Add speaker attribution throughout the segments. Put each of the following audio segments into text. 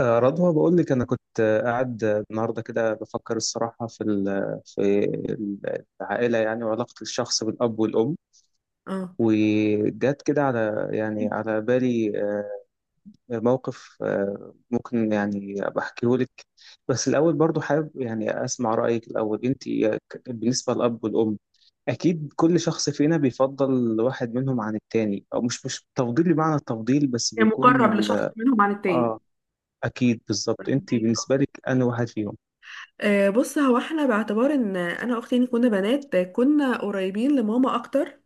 Speaker 1: رضوى بقول لك انا كنت قاعد النهارده كده بفكر الصراحه في العائله يعني وعلاقه الشخص بالاب والام.
Speaker 2: اه
Speaker 1: وجات كده على بالي موقف ممكن يعني بحكيه لك، بس الاول برضو حابب يعني اسمع رايك الاول انت بالنسبه للاب والام. اكيد كل شخص فينا بيفضل واحد منهم عن التاني، او مش تفضيل بمعنى التفضيل، بس
Speaker 2: يعني
Speaker 1: بيكون.
Speaker 2: مقرب لشخص منهم عن التاني
Speaker 1: اه. اكيد بالظبط، انت
Speaker 2: فهمك.
Speaker 1: بالنسبه لك انا واحد فيهم؟
Speaker 2: بص هو احنا باعتبار ان انا واختي يعني كنا بنات كنا قريبين لماما اكتر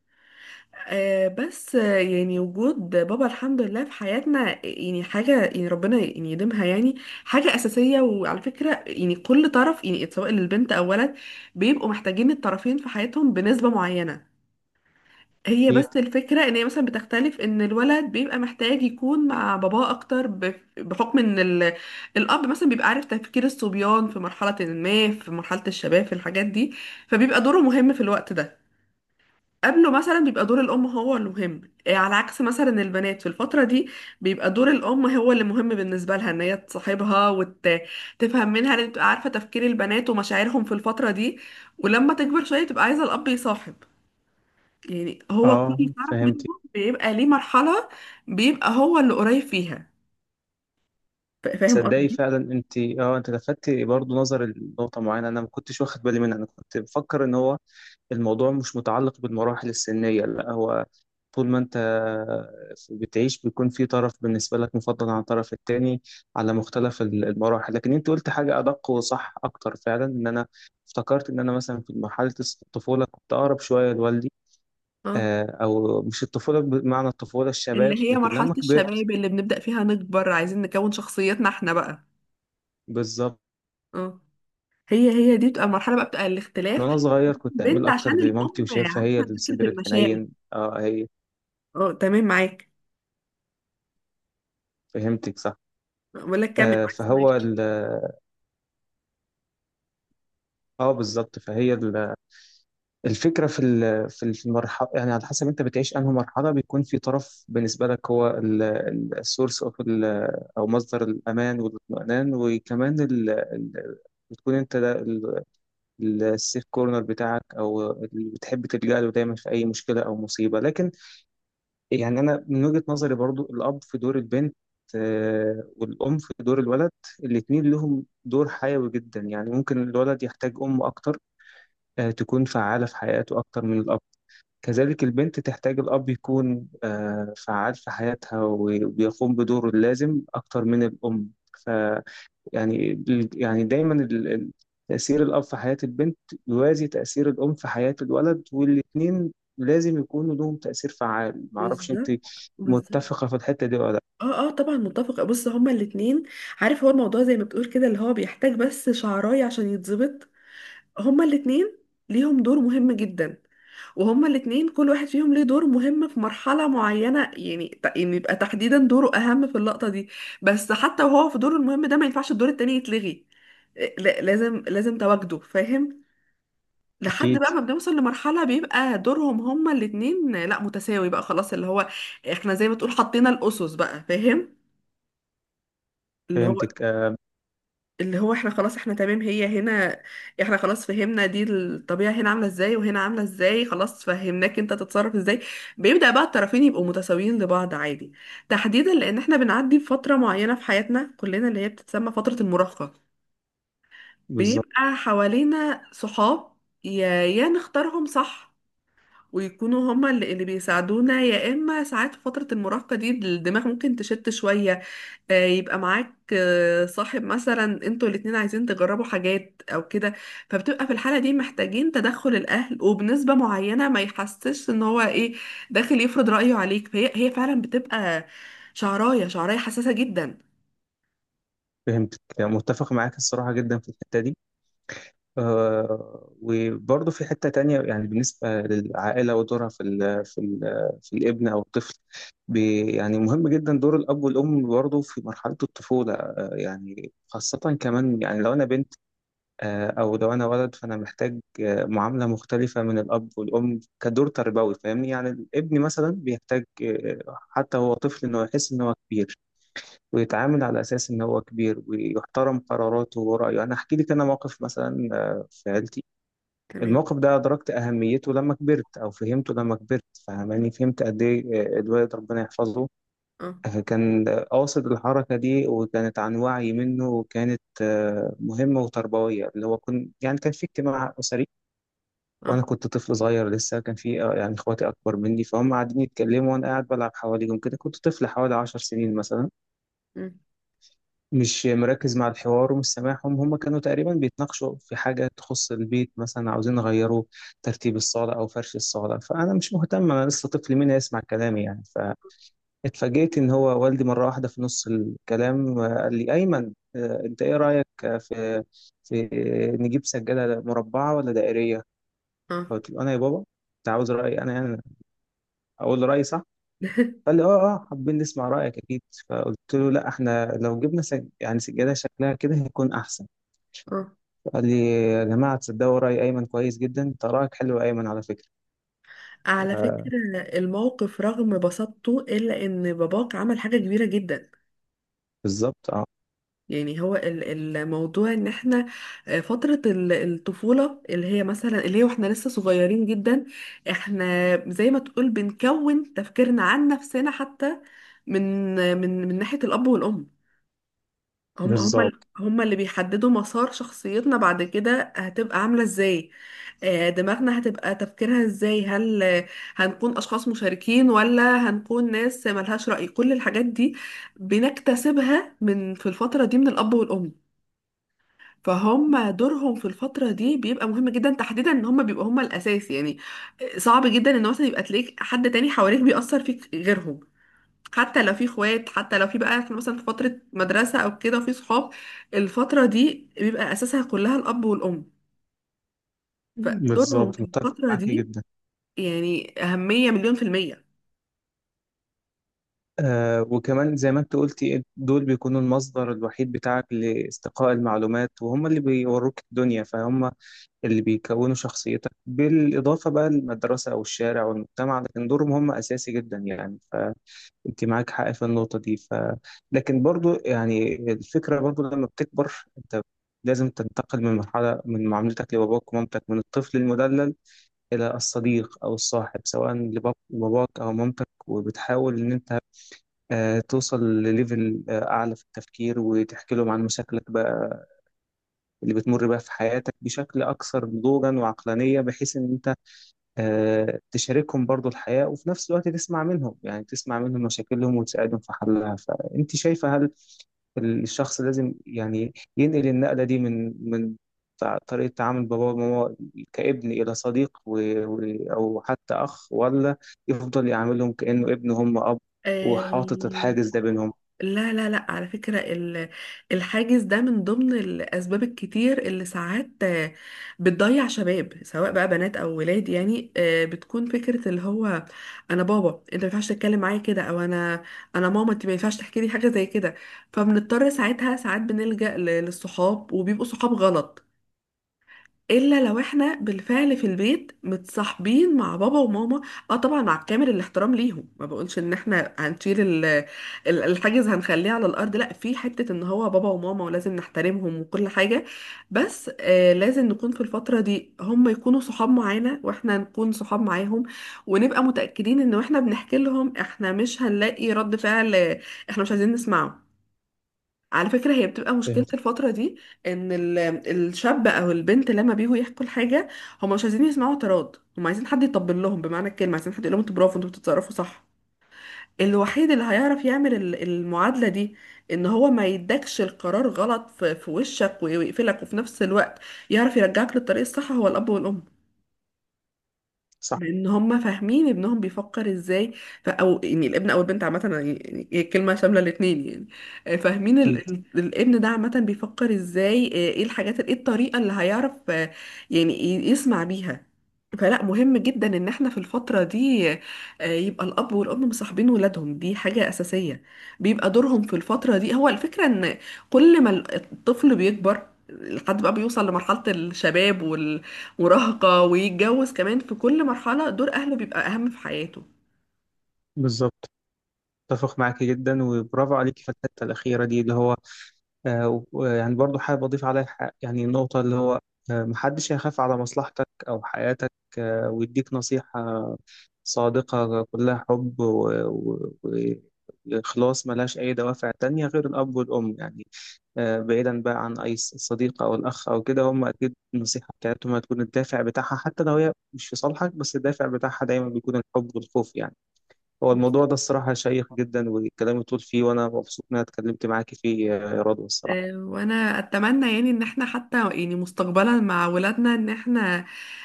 Speaker 2: بس يعني وجود بابا الحمد لله في حياتنا يعني حاجة يعني ربنا يعني يديمها يعني حاجة أساسية. وعلى فكرة يعني كل طرف يعني سواء للبنت أو ولد بيبقوا محتاجين الطرفين في حياتهم بنسبة معينة. هي بس
Speaker 1: اكيد.
Speaker 2: الفكرة ان هي مثلا بتختلف ان الولد بيبقى محتاج يكون مع باباه اكتر بحكم ان الاب مثلا بيبقى عارف تفكير الصبيان في مرحلة ما في مرحلة الشباب في الحاجات دي. فبيبقى دوره مهم في الوقت ده. قبله مثلا بيبقى دور الام هو المهم. إيه، على عكس مثلا البنات في الفترة دي بيبقى دور الام هو اللي مهم بالنسبة لها ان هي تصاحبها وتفهم منها ان تبقى عارفة تفكير البنات ومشاعرهم في الفترة دي. ولما تكبر شوية تبقى عايزة الاب يصاحب. يعني هو
Speaker 1: اه.
Speaker 2: كل طرف
Speaker 1: فهمتي؟
Speaker 2: منهم بيبقى ليه مرحلة بيبقى هو اللي قريب فيها. فاهم
Speaker 1: تصدقي
Speaker 2: قصدي؟
Speaker 1: فعلا انت لفتتي برضو نظر لنقطه معينه، انا ما كنتش واخد بالي منها. انا كنت بفكر ان هو الموضوع مش متعلق بالمراحل السنيه، لا، هو طول ما انت بتعيش بيكون في طرف بالنسبه لك مفضل عن الطرف التاني على مختلف المراحل. لكن انت قلت حاجه ادق وصح اكتر، فعلا، ان انا افتكرت ان انا مثلا في مرحله الطفوله كنت اقرب شويه لوالدي.
Speaker 2: اه،
Speaker 1: او مش الطفوله بمعنى الطفوله، الشباب،
Speaker 2: اللي هي
Speaker 1: لكن
Speaker 2: مرحلة
Speaker 1: لما
Speaker 2: الشباب
Speaker 1: كبرت.
Speaker 2: اللي بنبدأ فيها نكبر عايزين نكون شخصيتنا احنا بقى.
Speaker 1: بالظبط.
Speaker 2: اه، هي دي بتبقى المرحلة بقى بتبقى الاختلاف.
Speaker 1: وانا صغير كنت اميل
Speaker 2: البنت عشان
Speaker 1: اكتر لمامتي
Speaker 2: الأم
Speaker 1: وشايفها هي
Speaker 2: عارفة فكرة
Speaker 1: الصدر
Speaker 2: المشاعر.
Speaker 1: الحنين. اه، هي.
Speaker 2: اه تمام معاك.
Speaker 1: فهمتك صح.
Speaker 2: بقول لك كمل
Speaker 1: آه
Speaker 2: معاك
Speaker 1: فهو
Speaker 2: سامعاك.
Speaker 1: ال- اه بالظبط، الفكره في المرحله، يعني على حسب انت بتعيش انهي مرحله بيكون في طرف بالنسبه لك هو السورس اوف، او مصدر الامان والاطمئنان، وكمان بتكون انت السيف كورنر بتاعك، او اللي بتحب تلجأ له دايما في اي مشكله او مصيبه. لكن يعني انا من وجهه نظري برضو الاب في دور البنت والام في دور الولد، الاتنين لهم دور حيوي جدا. يعني ممكن الولد يحتاج ام اكتر تكون فعاله في حياته اكتر من الاب، كذلك البنت تحتاج الاب يكون فعال في حياتها وبيقوم بدوره اللازم اكتر من الام. يعني يعني دايما تأثير الأب في حياة البنت يوازي تأثير الأم في حياة الولد، والاتنين لازم يكونوا لهم تأثير فعال. معرفش أنت
Speaker 2: بالظبط بالظبط.
Speaker 1: متفقة في الحتة دي ولا لأ؟
Speaker 2: اه اه طبعا متفقة. بص هما الاتنين عارف هو الموضوع زي ما بتقول كده اللي هو بيحتاج بس شعراية عشان يتظبط. هما الاتنين ليهم دور مهم جدا. وهما الاتنين كل واحد فيهم ليه دور مهم في مرحلة معينة يعني يعني يبقى تحديدا دوره أهم في اللقطة دي. بس حتى وهو في دوره المهم ده ما ينفعش الدور التاني يتلغي. لازم لازم تواجده فاهم. لحد
Speaker 1: أكيد.
Speaker 2: بقى ما بنوصل لمرحلة بيبقى دورهم هما الاتنين لا متساوي بقى خلاص اللي هو احنا زي ما تقول حطينا الأسس بقى فاهم. اللي هو
Speaker 1: فهمتك
Speaker 2: اللي هو احنا خلاص احنا تمام هي هنا. احنا خلاص فهمنا دي الطبيعة هنا عاملة ازاي وهنا عاملة ازاي خلاص فهمناك انت تتصرف ازاي. بيبدأ بقى الطرفين يبقوا متساويين لبعض عادي. تحديدا لان احنا بنعدي بفترة معينة في حياتنا كلنا اللي هي بتتسمى فترة المراهقة.
Speaker 1: بالظبط.
Speaker 2: بيبقى حوالينا صحاب يا نختارهم صح ويكونوا هما اللي بيساعدونا. يا اما ساعات في فترة المراهقة دي الدماغ ممكن تشت شوية. يبقى معاك صاحب مثلا انتوا الاتنين عايزين تجربوا حاجات او كده. فبتبقى في الحالة دي محتاجين تدخل الاهل وبنسبة معينة ما يحسش ان هو ايه داخل يفرض رأيه عليك. فهي فعلا بتبقى شعراية شعراية حساسة جدا.
Speaker 1: فهمتك متفق معاك الصراحة جدا في الحتة دي. وبرضه في حتة تانية، يعني بالنسبة للعائلة ودورها في الابن أو الطفل، يعني مهم جدا دور الأب والأم برضه في مرحلة الطفولة. يعني خاصة كمان، يعني لو أنا بنت أو لو أنا ولد، فأنا محتاج معاملة مختلفة من الأب والأم كدور تربوي، فاهمني؟ يعني الابن مثلا بيحتاج حتى هو طفل إنه يحس إن هو كبير، ويتعامل على أساس إن هو كبير، ويحترم قراراته ورأيه. أنا أحكي لك أنا موقف مثلا في عيلتي.
Speaker 2: تمام
Speaker 1: الموقف ده أدركت أهميته لما كبرت أو فهمته لما كبرت، فاهماني فهمت قد إيه. الوالد ربنا يحفظه
Speaker 2: اه
Speaker 1: كان قاصد الحركة دي، وكانت عن وعي منه، وكانت مهمة وتربوية. اللي هو يعني كان في اجتماع أسري، وأنا
Speaker 2: اه
Speaker 1: كنت طفل صغير لسه. كان في يعني إخواتي أكبر مني، فهم قاعدين يتكلموا وأنا قاعد بلعب حواليهم كده، كنت طفل حوالي 10 سنين مثلا،
Speaker 2: مم،
Speaker 1: مش مركز مع الحوار ومش سامعهم. هم كانوا تقريبا بيتناقشوا في حاجة تخص البيت، مثلا عاوزين يغيروا ترتيب الصالة أو فرش الصالة، فأنا مش مهتم، أنا لسه طفل، مين هيسمع كلامي يعني؟ فاتفاجئت إن هو والدي مرة واحدة في نص الكلام قال لي: أيمن، أنت إيه رأيك في نجيب سجادة مربعة ولا دائرية؟
Speaker 2: اه
Speaker 1: قلت له: أنا يا بابا؟ أنت عاوز رأيي أنا يعني؟ أقول له رأيي، صح؟ قال لي: اه، اه، حابين نسمع رأيك اكيد. فقلت له: لا، احنا لو جبنا يعني سجادة شكلها كده هيكون احسن.
Speaker 2: اه.
Speaker 1: قال لي: يا جماعة، تصدقوا رأي أيمن كويس جدا، ده رأيك حلو يا أيمن، على فكرة.
Speaker 2: على
Speaker 1: آه،
Speaker 2: فكرة الموقف رغم بساطته إلا إن باباك عمل حاجة كبيرة جدا.
Speaker 1: بالظبط. اه،
Speaker 2: يعني هو الموضوع ان احنا فترة الطفولة اللي هي مثلا اللي هي واحنا لسه صغيرين جدا. احنا زي ما تقول بنكون تفكيرنا عن نفسنا حتى من ناحية الأب والأم. هم هم ال-
Speaker 1: بالظبط،
Speaker 2: هم اللي بيحددوا مسار شخصيتنا بعد كده هتبقى عاملة ازاي. دماغنا هتبقى تفكيرها ازاي هل هنكون أشخاص مشاركين ولا هنكون ناس ملهاش رأي كل الحاجات دي بنكتسبها من في الفترة دي من الأب والأم. فهم دورهم في الفترة دي بيبقى مهم جدا تحديدا ان هم بيبقوا هم الاساس يعني. صعب جدا ان مثلا يبقى تلاقيك حد تاني حواليك بيأثر فيك غيرهم حتى لو في اخوات حتى لو في بقى في مثلا في فترة مدرسة او كده وفي صحاب. الفترة دي بيبقى اساسها كلها الاب والام. فدورهم
Speaker 1: بالظبط.
Speaker 2: في
Speaker 1: متفق
Speaker 2: الفترة
Speaker 1: معاك
Speaker 2: دي
Speaker 1: جدا.
Speaker 2: يعني اهمية مليون في المية.
Speaker 1: آه، وكمان زي ما انت قلتي، دول بيكونوا المصدر الوحيد بتاعك لاستقاء المعلومات، وهم اللي بيوروك الدنيا، فهم اللي بيكونوا شخصيتك، بالإضافة بقى للمدرسة أو الشارع والمجتمع، لكن دورهم هم أساسي جدا يعني. انت معاك حق في النقطة دي. لكن برضو يعني الفكرة، برضو لما بتكبر انت لازم تنتقل من مرحلة، من معاملتك لباباك ومامتك من الطفل المدلل إلى الصديق أو الصاحب، سواء لباباك أو مامتك، وبتحاول إن أنت توصل لليفل أعلى في التفكير، وتحكي لهم عن مشاكلك بقى اللي بتمر بيها في حياتك بشكل أكثر نضوجا وعقلانية، بحيث إن تشاركهم برضو الحياة، وفي نفس الوقت تسمع منهم، يعني تسمع منهم مشاكلهم وتساعدهم في حلها. فأنت شايفة هل الشخص لازم يعني ينقل النقلة دي من طريقة تعامل بابا وماما كابن إلى صديق، و... أو حتى أخ، ولا يفضل يعاملهم كأنه ابن هم أب،
Speaker 2: آه،
Speaker 1: وحاطط الحاجز ده بينهم؟
Speaker 2: لا لا لا على فكرة الحاجز ده من ضمن الأسباب الكتير اللي ساعات بتضيع شباب سواء بقى بنات أو ولاد يعني بتكون فكرة اللي هو أنا بابا أنت ما ينفعش تتكلم معايا كده أو أنا أنا ماما أنت ما ينفعش تحكي لي حاجة زي كده. فبنضطر ساعتها ساعات بنلجأ للصحاب وبيبقوا صحاب غلط. الا لو احنا بالفعل في البيت متصاحبين مع بابا وماما. اه طبعا مع كامل الاحترام ليهم ما بقولش ان احنا هنشيل الحاجز هنخليه على الارض لا في حتة ان هو بابا وماما ولازم نحترمهم وكل حاجة. بس آه لازم نكون في الفترة دي هم يكونوا صحاب معانا واحنا نكون صحاب معاهم ونبقى متأكدين ان احنا بنحكي لهم احنا مش هنلاقي رد فعل احنا مش عايزين نسمعه. على فكرة هي بتبقى مشكلة
Speaker 1: فهمت،
Speaker 2: الفترة دي ان الشاب او البنت لما بيجوا يحكوا الحاجة هم مش عايزين يسمعوا اعتراض هم عايزين حد يطبل لهم بمعنى الكلمة عايزين حد يقول لهم انتوا برافو انتوا بتتصرفوا صح. الوحيد اللي هيعرف يعمل المعادلة دي ان هو ما يدكش القرار غلط في وشك ويقفلك وفي نفس الوقت يعرف يرجعك للطريق الصح هو الاب والام.
Speaker 1: صح،
Speaker 2: لان هم فاهمين ابنهم بيفكر ازاي. او يعني الابن او البنت عامه أنا يعني هي الكلمه شامله الاثنين يعني فاهمين
Speaker 1: أكيد،
Speaker 2: الابن ده عامه بيفكر ازاي ايه الحاجات ايه الطريقه اللي هيعرف يعني يسمع بيها. فلا مهم جدا ان احنا في الفتره دي يبقى الاب والام مصاحبين ولادهم دي حاجه اساسيه. بيبقى دورهم في الفتره دي هو الفكره ان كل ما الطفل بيكبر لحد بقى بيوصل لمرحله الشباب مراهقة ويتجوز كمان في كل مرحلة دور أهله بيبقى أهم في حياته.
Speaker 1: بالظبط. اتفق معاكي جدا، وبرافو عليكي في الحتة الأخيرة دي، اللي هو ويعني برضو حابب أضيف عليها، يعني النقطة اللي هو محدش هيخاف على مصلحتك أو حياتك ويديك نصيحة صادقة كلها حب وإخلاص، ملهاش أي دوافع تانية غير الأب والأم يعني. بعيدا بقى عن أي صديق أو الأخ أو كده، هم أكيد النصيحة بتاعتهم هتكون الدافع بتاعها، حتى لو هي مش في صالحك، بس الدافع بتاعها دايما بيكون الحب والخوف يعني. هو الموضوع ده الصراحة شيق جدا، والكلام يطول فيه، وأنا مبسوط إن أنا اتكلمت معاكي فيه يا رضوى الصراحة.
Speaker 2: وأنا أتمنى يعني إن احنا حتى يعني مستقبلا مع ولادنا إن احنا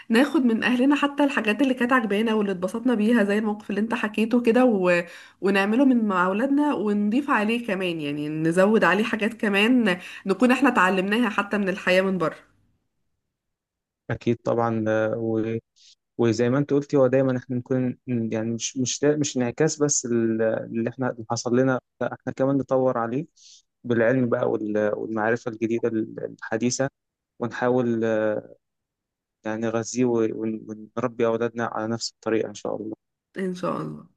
Speaker 2: ناخد من أهلنا حتى الحاجات اللي كانت عجبانا واللي اتبسطنا بيها زي الموقف اللي انت حكيته كده ونعمله من مع ولادنا ونضيف عليه كمان يعني نزود عليه حاجات كمان نكون احنا اتعلمناها حتى من الحياة من بره.
Speaker 1: أكيد طبعا. وزي ما أنت قلتي، هو دايما إحنا نكون يعني، مش دا مش انعكاس بس اللي إحنا اللي حصل لنا، لا، إحنا كمان نطور عليه بالعلم بقى والمعرفة الجديدة الحديثة، ونحاول يعني نغذيه ونربي أولادنا على نفس الطريقة إن شاء الله.
Speaker 2: إن شاء الله